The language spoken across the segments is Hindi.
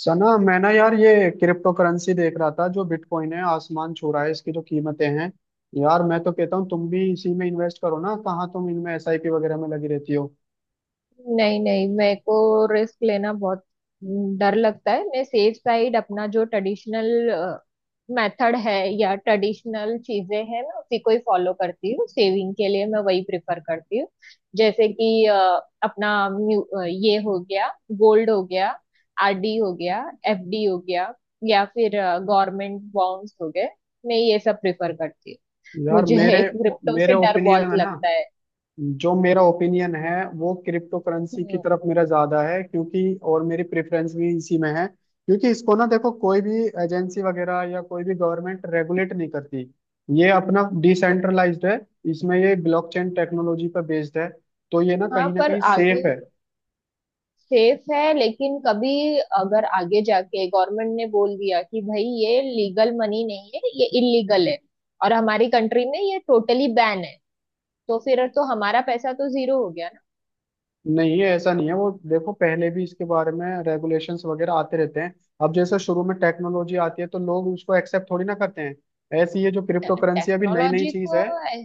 सना, मैं ना यार ये क्रिप्टो करेंसी देख रहा था। जो बिटकॉइन है आसमान छू रहा है, इसकी जो कीमतें हैं। यार मैं तो कहता हूँ तुम भी इसी में इन्वेस्ट करो ना। कहाँ तुम इनमें एसआईपी वगैरह में लगी रहती हो। नहीं नहीं, मेरे को रिस्क लेना बहुत डर लगता है। मैं सेफ साइड अपना जो ट्रेडिशनल मेथड है या ट्रेडिशनल चीजें हैं मैं उसी को ही फॉलो करती हूँ। सेविंग के लिए मैं वही प्रिफर करती हूँ। जैसे कि अपना ये हो गया, गोल्ड हो गया, आरडी हो गया, एफडी हो गया, या फिर गवर्नमेंट बॉन्ड्स हो गए। मैं ये सब प्रिफर करती हूँ। यार मुझे मेरे क्रिप्टो से मेरे डर ओपिनियन बहुत में ना, लगता है। जो मेरा ओपिनियन है वो क्रिप्टो करेंसी की हम्म। तरफ मेरा ज्यादा है, क्योंकि और मेरी प्रेफरेंस भी इसी में है। क्योंकि इसको ना देखो, कोई भी एजेंसी वगैरह या कोई भी गवर्नमेंट रेगुलेट नहीं करती। ये अपना डिसेंट्रलाइज्ड है। इसमें ये ब्लॉकचेन टेक्नोलॉजी पर बेस्ड है, तो ये हाँ, ना पर कहीं सेफ आगे है। सेफ है, लेकिन कभी अगर आगे जाके गवर्नमेंट ने बोल दिया कि भाई ये लीगल मनी नहीं है, ये इलीगल है और हमारी कंट्री में ये टोटली बैन है, तो फिर तो हमारा पैसा तो जीरो हो गया ना। नहीं ऐसा नहीं है, वो देखो पहले भी इसके बारे में रेगुलेशंस वगैरह आते रहते हैं। अब जैसे शुरू में टेक्नोलॉजी आती है तो लोग उसको एक्सेप्ट थोड़ी ना करते हैं। ऐसी ये जो क्रिप्टो करेंसी अभी नई नई टेक्नोलॉजी चीज को है, ए-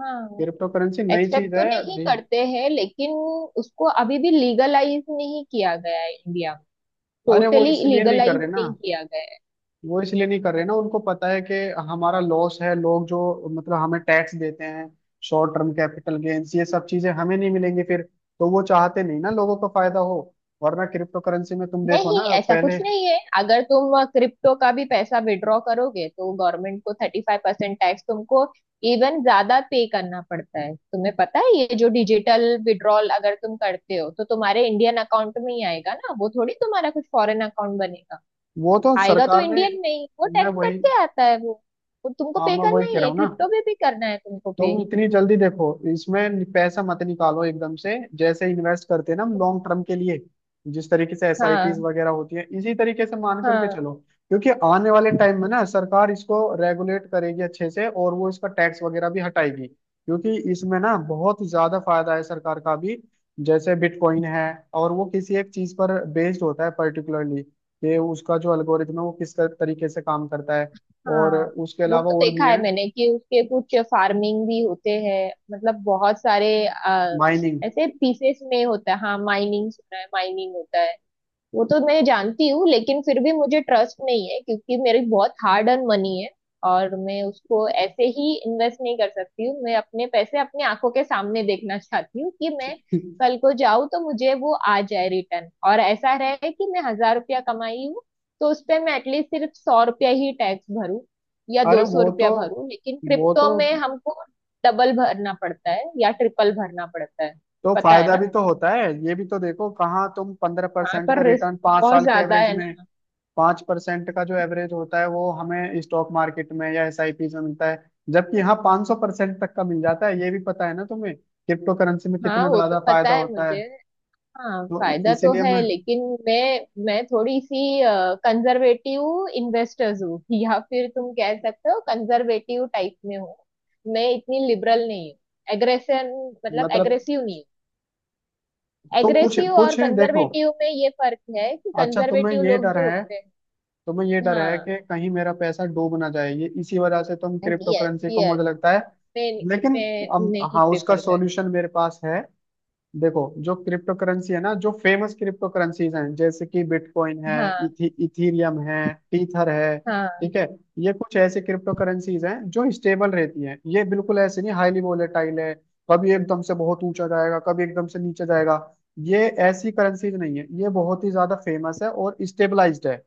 हाँ, क्रिप्टो करेंसी नई एक्सेप्ट चीज तो है। नहीं नहीं, करते हैं लेकिन उसको अभी भी लीगलाइज नहीं किया गया है इंडिया में। अरे वो टोटली इसलिए नहीं कर लीगलाइज रहे ना, नहीं किया गया है। वो इसलिए नहीं कर रहे ना, उनको पता है कि हमारा लॉस है। लोग जो मतलब हमें टैक्स देते हैं, शॉर्ट टर्म कैपिटल गेन्स ये सब चीजें हमें नहीं मिलेंगी फिर। तो वो चाहते नहीं ना लोगों को फायदा हो। वरना क्रिप्टो करेंसी में तुम देखो नहीं, ना ऐसा कुछ पहले, नहीं है। अगर तुम क्रिप्टो का भी पैसा विड्रॉ करोगे तो गवर्नमेंट को 35% टैक्स तुमको इवन ज्यादा पे करना पड़ता है। तुम्हें पता है, ये जो डिजिटल विड्रॉल अगर तुम करते हो तो तुम्हारे इंडियन अकाउंट में ही आएगा ना, वो थोड़ी तुम्हारा कुछ फॉरेन अकाउंट बनेगा। वो तो आएगा तो सरकार ने, इंडियन में ही, वो मैं टैक्स वही, कट के आता है वो। वो तुमको हाँ पे मैं करना वही कह ही रहा है, हूँ ना। क्रिप्टो में भी करना है तुमको पे। तुम इतनी जल्दी देखो, इसमें पैसा मत निकालो एकदम से। जैसे इन्वेस्ट करते हैं ना हम लॉन्ग टर्म के लिए, जिस तरीके से एसआईपीज हाँ, वगैरह होती है इसी तरीके से मान करके हाँ, चलो। क्योंकि आने वाले टाइम में ना सरकार इसको रेगुलेट करेगी अच्छे से, और वो इसका टैक्स वगैरह भी हटाएगी, क्योंकि इसमें ना बहुत ज्यादा फायदा है सरकार का भी। जैसे बिटकॉइन है, और वो किसी एक चीज पर बेस्ड होता है पर्टिकुलरली, कि उसका जो एल्गोरिथम है वो किस तरीके से काम करता है। और हाँ। उसके वो अलावा तो और भी देखा है है। मैंने कि उसके कुछ फार्मिंग भी होते हैं, मतलब बहुत सारे माइनिंग। ऐसे पीसेस में होता है। हाँ, माइनिंग सुना है, माइनिंग होता है। वो तो मैं जानती हूँ लेकिन फिर भी मुझे ट्रस्ट नहीं है क्योंकि मेरी बहुत हार्ड अर्न मनी है और मैं उसको ऐसे ही इन्वेस्ट नहीं कर सकती हूँ। मैं अपने पैसे अपनी आंखों के सामने देखना चाहती हूँ कि मैं कल को जाऊँ तो मुझे वो आ जाए रिटर्न, और ऐसा रहे कि मैं 1000 रुपया कमाई हूँ तो उस पे मैं एटलीस्ट सिर्फ 100 रुपया ही टैक्स भरूँ या अरे दो सौ वो तो रुपया भरूँ, लेकिन वो क्रिप्टो तो में हमको डबल भरना पड़ता है या ट्रिपल भरना पड़ता है। तो पता है फायदा ना, भी तो होता है। ये भी तो देखो, कहाँ तुम पंद्रह वहाँ परसेंट का पर रिस्क रिटर्न पांच बहुत साल के ज्यादा एवरेज है में, ना। 5% का जो एवरेज होता है वो हमें स्टॉक मार्केट में या एसआईपी में मिलता है, जबकि यहाँ 500% तक का मिल जाता है। ये भी पता है ना तुम्हें क्रिप्टो करेंसी में हाँ, कितना वो तो ज्यादा पता फायदा है होता मुझे। है। हाँ, तो फायदा तो इसीलिए है मैं, लेकिन मैं थोड़ी सी कंजर्वेटिव इन्वेस्टर्स हूँ या फिर तुम कह सकते हो कंजर्वेटिव टाइप में हूँ। मैं इतनी लिबरल नहीं हूँ। एग्रेसन, मतलब मतलब एग्रेसिव नहीं हूँ। तो कुछ एग्रेसिव और कुछ है देखो। कंजर्वेटिव में ये फर्क है कि अच्छा तुम्हें कंजर्वेटिव ये लोग डर जो है, होते हैं। तुम्हें ये डर है हाँ, कि कहीं मेरा पैसा डूब ना जाए, ये इसी वजह से तुम क्रिप्टो यस करेंसी को यस। मुझे लगता है। मैं लेकिन मैं नहीं हाँ, उसका प्रेफर करती। सॉल्यूशन मेरे पास है। देखो, जो क्रिप्टो करेंसी है ना, जो फेमस क्रिप्टो करेंसीज हैं, जैसे कि बिटकॉइन है, हाँ, इथीरियम है, टीथर है। हाँ। ठीक है। ये कुछ ऐसे क्रिप्टो करेंसीज हैं जो स्टेबल रहती हैं। ये बिल्कुल ऐसे नहीं हाईली वोलेटाइल है कभी एकदम से बहुत ऊंचा जाएगा, कभी एकदम से नीचे जाएगा। ये ऐसी करेंसीज नहीं है। ये बहुत ही ज्यादा फेमस है और स्टेबलाइज्ड है।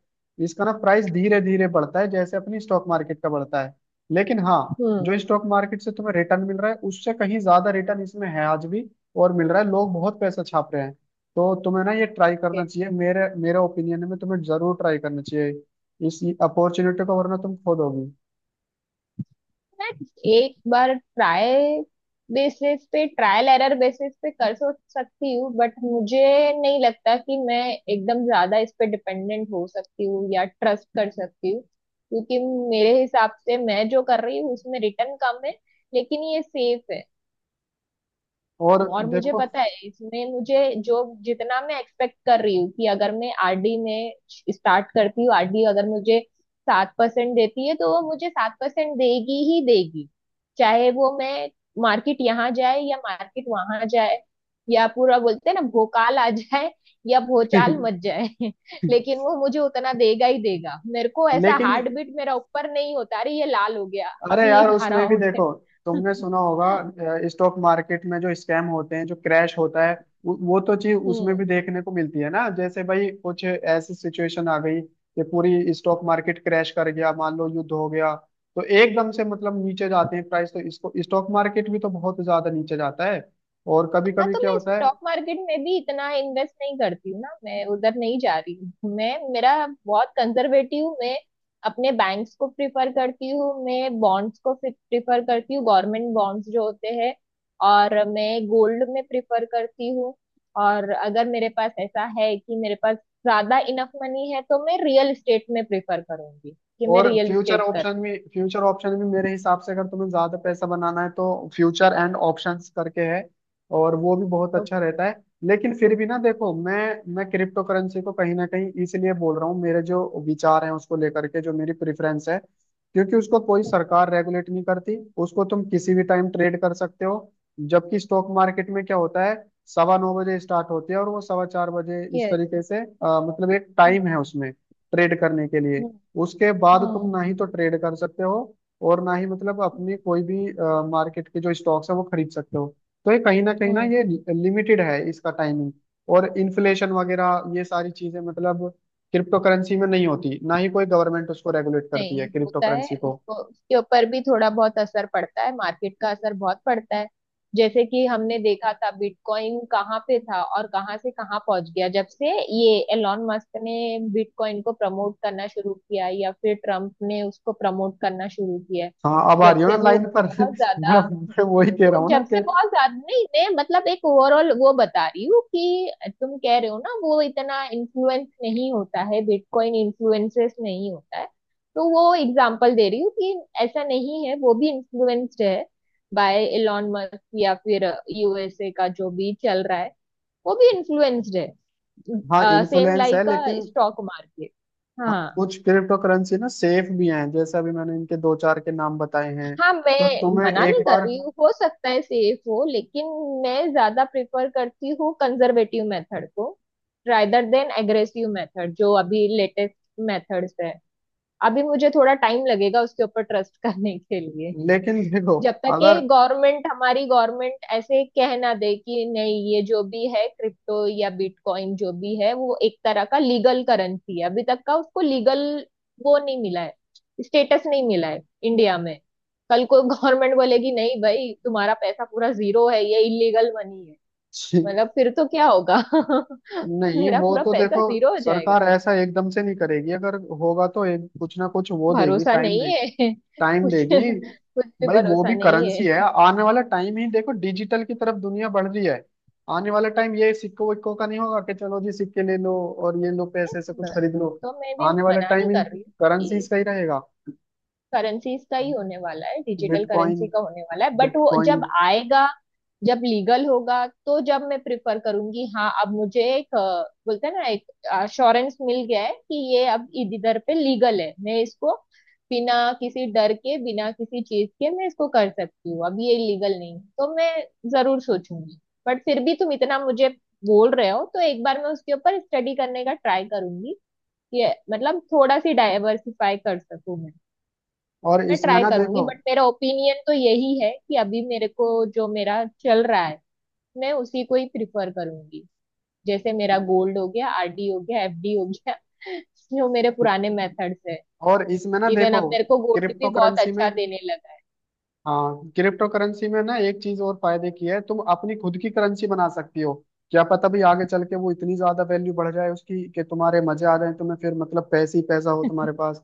इसका ना प्राइस धीरे धीरे बढ़ता है, जैसे अपनी स्टॉक मार्केट का बढ़ता है। लेकिन हाँ, हम्म। जो स्टॉक मार्केट से तुम्हें रिटर्न मिल रहा है उससे कहीं ज्यादा रिटर्न इसमें है आज भी, और मिल रहा है, लोग बहुत पैसा छाप रहे हैं। तो तुम्हें ना ये ट्राई करना चाहिए, मेरे मेरे ओपिनियन में तुम्हें जरूर ट्राई करना चाहिए इस अपॉर्चुनिटी को, वरना तुम खो दोगी। एक बार ट्राई बेसिस पे, ट्रायल एरर बेसिस पे कर सो सकती हूँ, बट मुझे नहीं लगता कि मैं एकदम ज्यादा इस पे डिपेंडेंट हो सकती हूँ या ट्रस्ट कर सकती हूँ, क्योंकि मेरे हिसाब से मैं जो कर रही हूँ उसमें रिटर्न कम है लेकिन ये सेफ है। और और मुझे देखो। पता है इसमें मुझे जो जितना मैं एक्सपेक्ट कर रही हूँ, कि अगर मैं आरडी में स्टार्ट करती हूँ, आरडी अगर मुझे 7% देती है तो वो मुझे 7% देगी ही देगी, चाहे वो मैं मार्केट यहाँ जाए या मार्केट वहां जाए, या पूरा बोलते हैं ना भोकाल आ जाए या भोचाल मच जाए लेकिन वो मुझे उतना देगा ही देगा, मेरे को ऐसा लेकिन हार्ट बीट मेरा ऊपर नहीं होता अरे ये लाल हो गया, अरे अभी ये यार, हरा उसमें भी हो देखो, गया। तुमने सुना होगा स्टॉक मार्केट में जो स्कैम होते हैं, जो क्रैश होता है, वो तो चीज उसमें हम्म। भी देखने को मिलती है ना। जैसे भाई कुछ ऐसी सिचुएशन आ गई कि पूरी स्टॉक मार्केट क्रैश कर गया, मान लो युद्ध हो गया, तो एकदम से मतलब नीचे जाते हैं प्राइस, तो इसको स्टॉक मार्केट भी तो बहुत ज्यादा नीचे जाता है। और कभी हाँ, कभी तो क्या मैं होता है। स्टॉक मार्केट में भी इतना इन्वेस्ट नहीं करती हूँ ना, मैं उधर नहीं जा रही हूँ। मैं, मेरा, बहुत कंजर्वेटिव हूँ मैं। अपने बैंक्स को प्रिफर करती हूँ, मैं बॉन्ड्स को प्रिफर करती हूँ, गवर्नमेंट बॉन्ड्स जो होते हैं, और मैं गोल्ड में प्रिफर करती हूँ। और अगर मेरे पास ऐसा है कि मेरे पास ज्यादा इनफ मनी है, तो मैं रियल एस्टेट में प्रिफर करूंगी, कि मैं और रियल फ्यूचर एस्टेट कर। ऑप्शन भी, फ्यूचर ऑप्शन भी मेरे हिसाब से, अगर तुम्हें ज्यादा पैसा बनाना है तो फ्यूचर एंड ऑप्शंस करके है, और वो भी बहुत अच्छा ओके। रहता है। लेकिन फिर भी ना देखो, मैं क्रिप्टो करेंसी को कहीं ना कहीं इसलिए बोल रहा हूँ, मेरे जो विचार हैं उसको लेकर के, जो मेरी प्रेफरेंस है। क्योंकि उसको कोई सरकार रेगुलेट नहीं करती, उसको तुम किसी भी टाइम ट्रेड कर सकते हो, जबकि स्टॉक मार्केट में क्या होता है, 9:15 बजे स्टार्ट होती है और वो 4:15 बजे, इस यस। तरीके से मतलब एक हम्म, टाइम है उसमें ट्रेड करने के लिए। हम्म, उसके बाद तुम हम्म, ना ही तो ट्रेड कर सकते हो, और ना ही मतलब अपनी कोई भी मार्केट के जो स्टॉक्स है वो खरीद सकते हो। तो ये कहीं ना कहीं ना, हम्म। ये लिमिटेड है इसका टाइमिंग। और इन्फ्लेशन वगैरह ये सारी चीजें मतलब क्रिप्टो करेंसी में नहीं होती, ना ही कोई गवर्नमेंट उसको रेगुलेट करती है नहीं क्रिप्टो होता है करेंसी को। उसको, उसके ऊपर भी थोड़ा बहुत असर पड़ता है, मार्केट का असर बहुत पड़ता है। जैसे कि हमने देखा था बिटकॉइन कहाँ पे था और कहाँ से कहाँ पहुंच गया जब से ये एलॉन मस्क ने बिटकॉइन को प्रमोट करना शुरू किया, या फिर ट्रम्प ने उसको प्रमोट करना शुरू किया है। हाँ अब आ जब रही हो ना से वो लाइन पर। बहुत मैं ज्यादा, मैं वही कह वो रहा हूँ ना जब से कि बहुत ज्यादा, नहीं, मैं मतलब एक ओवरऑल वो बता रही हूँ कि तुम कह रहे हो ना वो इतना इन्फ्लुएंस नहीं होता है, बिटकॉइन इन्फ्लुएंसेस नहीं होता है, तो वो एग्जांपल दे रही हूँ कि ऐसा नहीं है, वो भी इन्फ्लुएंस्ड है बाय एलॉन मस्क, या फिर यूएसए का जो भी चल रहा है वो भी इन्फ्लुएंस्ड हाँ है सेम इन्फ्लुएंस लाइक है, का लेकिन स्टॉक मार्केट। हाँ, हाँ। कुछ क्रिप्टो करेंसी ना सेफ भी हैं, जैसे अभी मैंने इनके दो चार के नाम बताए हैं। हाँ, तो मैं तुम्हें मना एक नहीं कर बार, रही हूँ, हो सकता है सेफ हो, लेकिन मैं ज्यादा प्रिफर करती हूँ कंजर्वेटिव मेथड को, रादर देन एग्रेसिव मेथड जो अभी लेटेस्ट मेथड्स है। अभी मुझे थोड़ा टाइम लगेगा उसके ऊपर ट्रस्ट करने के लिए। लेकिन देखो, जब तक ये अगर गवर्नमेंट, हमारी गवर्नमेंट ऐसे कह ना दे कि नहीं, ये जो भी है क्रिप्टो या बिटकॉइन, जो भी है वो एक तरह का लीगल करेंसी है। अभी तक का उसको लीगल वो नहीं मिला है, स्टेटस नहीं मिला है इंडिया में। कल को गवर्नमेंट बोलेगी नहीं भाई, तुम्हारा पैसा पूरा जीरो है, ये इलीगल मनी है, छी-, मतलब फिर तो क्या होगा नहीं मेरा वो पूरा तो पैसा देखो, जीरो हो जाएगा। सरकार ऐसा एकदम से नहीं करेगी। अगर होगा तो एक कुछ ना कुछ वो देगी, भरोसा नहीं है टाइम कुछ देगी। कुछ भी भाई वो भरोसा भी नहीं करेंसी है, है। आने वाला टाइम ही देखो, डिजिटल की तरफ दुनिया बढ़ रही है। आने वाला टाइम ये सिक्कों विक्कों का नहीं होगा कि चलो जी सिक्के ले लो और ये लो पैसे से कुछ नहीं, खरीद वो लो। तो मैं भी आने वाला मना टाइम नहीं ही कर रही हूँ करेंसीज कि का ही रहेगा। करेंसीज का ही होने वाला है, डिजिटल बिटकॉइन करेंसी का होने वाला है, बट वो बिटकॉइन जब आएगा, जब लीगल होगा, तो जब मैं प्रिफर करूंगी। हाँ, अब मुझे एक बोलते हैं ना, एक अश्योरेंस मिल गया है कि ये अब इधर पे लीगल है, मैं इसको बिना किसी डर के, बिना किसी चीज के मैं इसको कर सकती हूँ। अब ये लीगल नहीं है, तो मैं जरूर सोचूंगी। बट फिर भी तुम इतना मुझे बोल रहे हो तो एक बार मैं उसके ऊपर स्टडी करने का ट्राई करूंगी, ये मतलब थोड़ा सी डाइवर्सिफाई कर सकूं मैं। और मैं इसमें ट्राई ना करूंगी, देखो बट मेरा ओपिनियन तो यही है कि अभी मेरे को जो मेरा चल रहा है मैं उसी को ही प्रिफर करूंगी। जैसे मेरा गोल्ड हो गया, आरडी हो गया, एफडी हो गया जो मेरे पुराने मेथड्स है। और इसमें ना इवन देखो अब मेरे को गोल्ड भी क्रिप्टो बहुत करेंसी में अच्छा देने लगा है। हाँ, क्रिप्टो करेंसी में ना एक चीज और फायदे की है, तुम अपनी खुद की करेंसी बना सकती हो। क्या पता भी आगे चल के वो इतनी ज्यादा वैल्यू बढ़ जाए उसकी कि तुम्हारे मजे आ जाए, तुम्हें फिर मतलब पैसे ही पैसा हो तुम्हारे पास।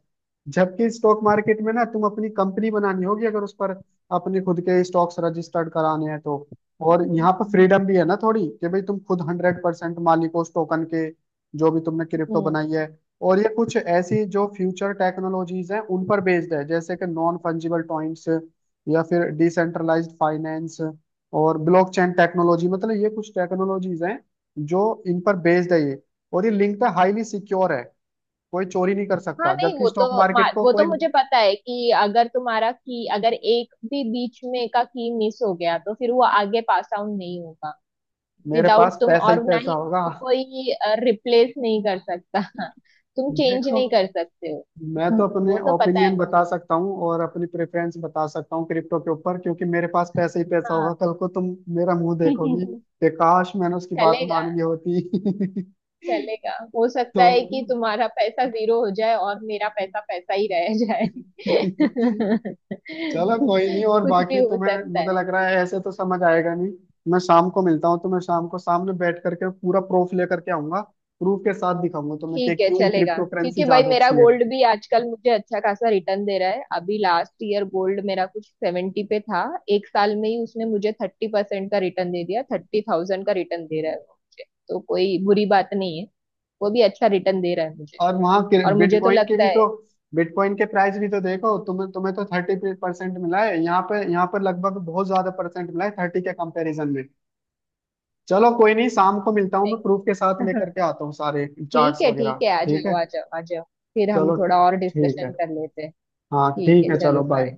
जबकि स्टॉक मार्केट में ना तुम अपनी कंपनी बनानी होगी, अगर उस पर अपने खुद के स्टॉक्स रजिस्टर्ड कराने हैं तो। हम्म, और यहाँ पर फ्रीडम भी है ना थोड़ी, कि भाई तुम खुद 100% मालिक हो उस टोकन के, जो भी तुमने क्रिप्टो हम्म। बनाई है। और ये कुछ ऐसी जो फ्यूचर टेक्नोलॉजीज हैं उन पर बेस्ड है, जैसे कि नॉन फंजिबल टॉइंट्स या फिर डिसेंट्रलाइज्ड फाइनेंस और ब्लॉकचेन टेक्नोलॉजी। मतलब ये कुछ टेक्नोलॉजीज हैं जो, इन पर बेस्ड है ये। और ये लिंक है, हाईली सिक्योर है, कोई चोरी नहीं कर हाँ, सकता, नहीं जबकि वो तो, स्टॉक मार्केट को वो तो कोई, मुझे पता है कि अगर तुम्हारा की अगर एक भी बीच में का की मिस हो गया तो फिर वो आगे पास आउट नहीं होगा मेरे विदाउट पास तुम, पैसा ही और ना पैसा ही होगा। उसको कोई रिप्लेस नहीं कर सकता, तुम चेंज देखो, नहीं कर सकते हो। मैं तो अपने वो तो पता है ओपिनियन मुझे। बता सकता हूँ और अपनी प्रेफरेंस बता सकता हूँ क्रिप्टो के ऊपर, क्योंकि मेरे पास पैसा ही पैसा हाँ। होगा। कल को तुम मेरा मुंह देखोगी कि काश मैंने उसकी बात चलेगा। मान ली होती। चलेगा, हो सकता तो है कि तुम्हारा पैसा जीरो हो जाए और मेरा पैसा पैसा ही रह जाए। चलो कोई नहीं, और कुछ भी बाकी हो तुम्हें सकता मुझे है। लग रहा है ऐसे तो समझ आएगा नहीं। मैं शाम को मिलता हूँ तुम्हें, शाम को सामने बैठ करके पूरा प्रूफ लेकर के आऊंगा, प्रूफ के साथ दिखाऊंगा तुम्हें कि ठीक है क्यों चलेगा, क्रिप्टो करेंसी क्योंकि भाई ज्यादा मेरा अच्छी है। गोल्ड भी आजकल मुझे अच्छा खासा रिटर्न दे रहा है, अभी लास्ट ईयर गोल्ड मेरा कुछ 70 पे था। एक साल में ही उसने मुझे 30% का रिटर्न दे दिया, 30,000 का रिटर्न दे रहा है वो मुझे। तो कोई बुरी बात नहीं है, वो भी अच्छा रिटर्न दे रहा है मुझे। और वहाँ और मुझे तो बिटकॉइन के लगता भी तो है, बिटकॉइन के प्राइस भी तो देखो, तुम्हें तुम्हें तो 30% मिला है यहाँ पे, यहाँ पर लगभग बहुत ज्यादा परसेंट मिला है 30 के कंपैरिजन में। चलो कोई नहीं, शाम को मिलता हूँ, मैं नहीं? प्रूफ के साथ लेकर के आता हूँ सारे ठीक चार्ट्स है, ठीक वगैरह। है, आ ठीक है, जाओ, आ जाओ, आ जाओ, फिर हम चलो। थोड़ा और ठीक है, डिस्कशन कर लेते हैं। हाँ ठीक ठीक है, है, चलो चलो बाय। बाय।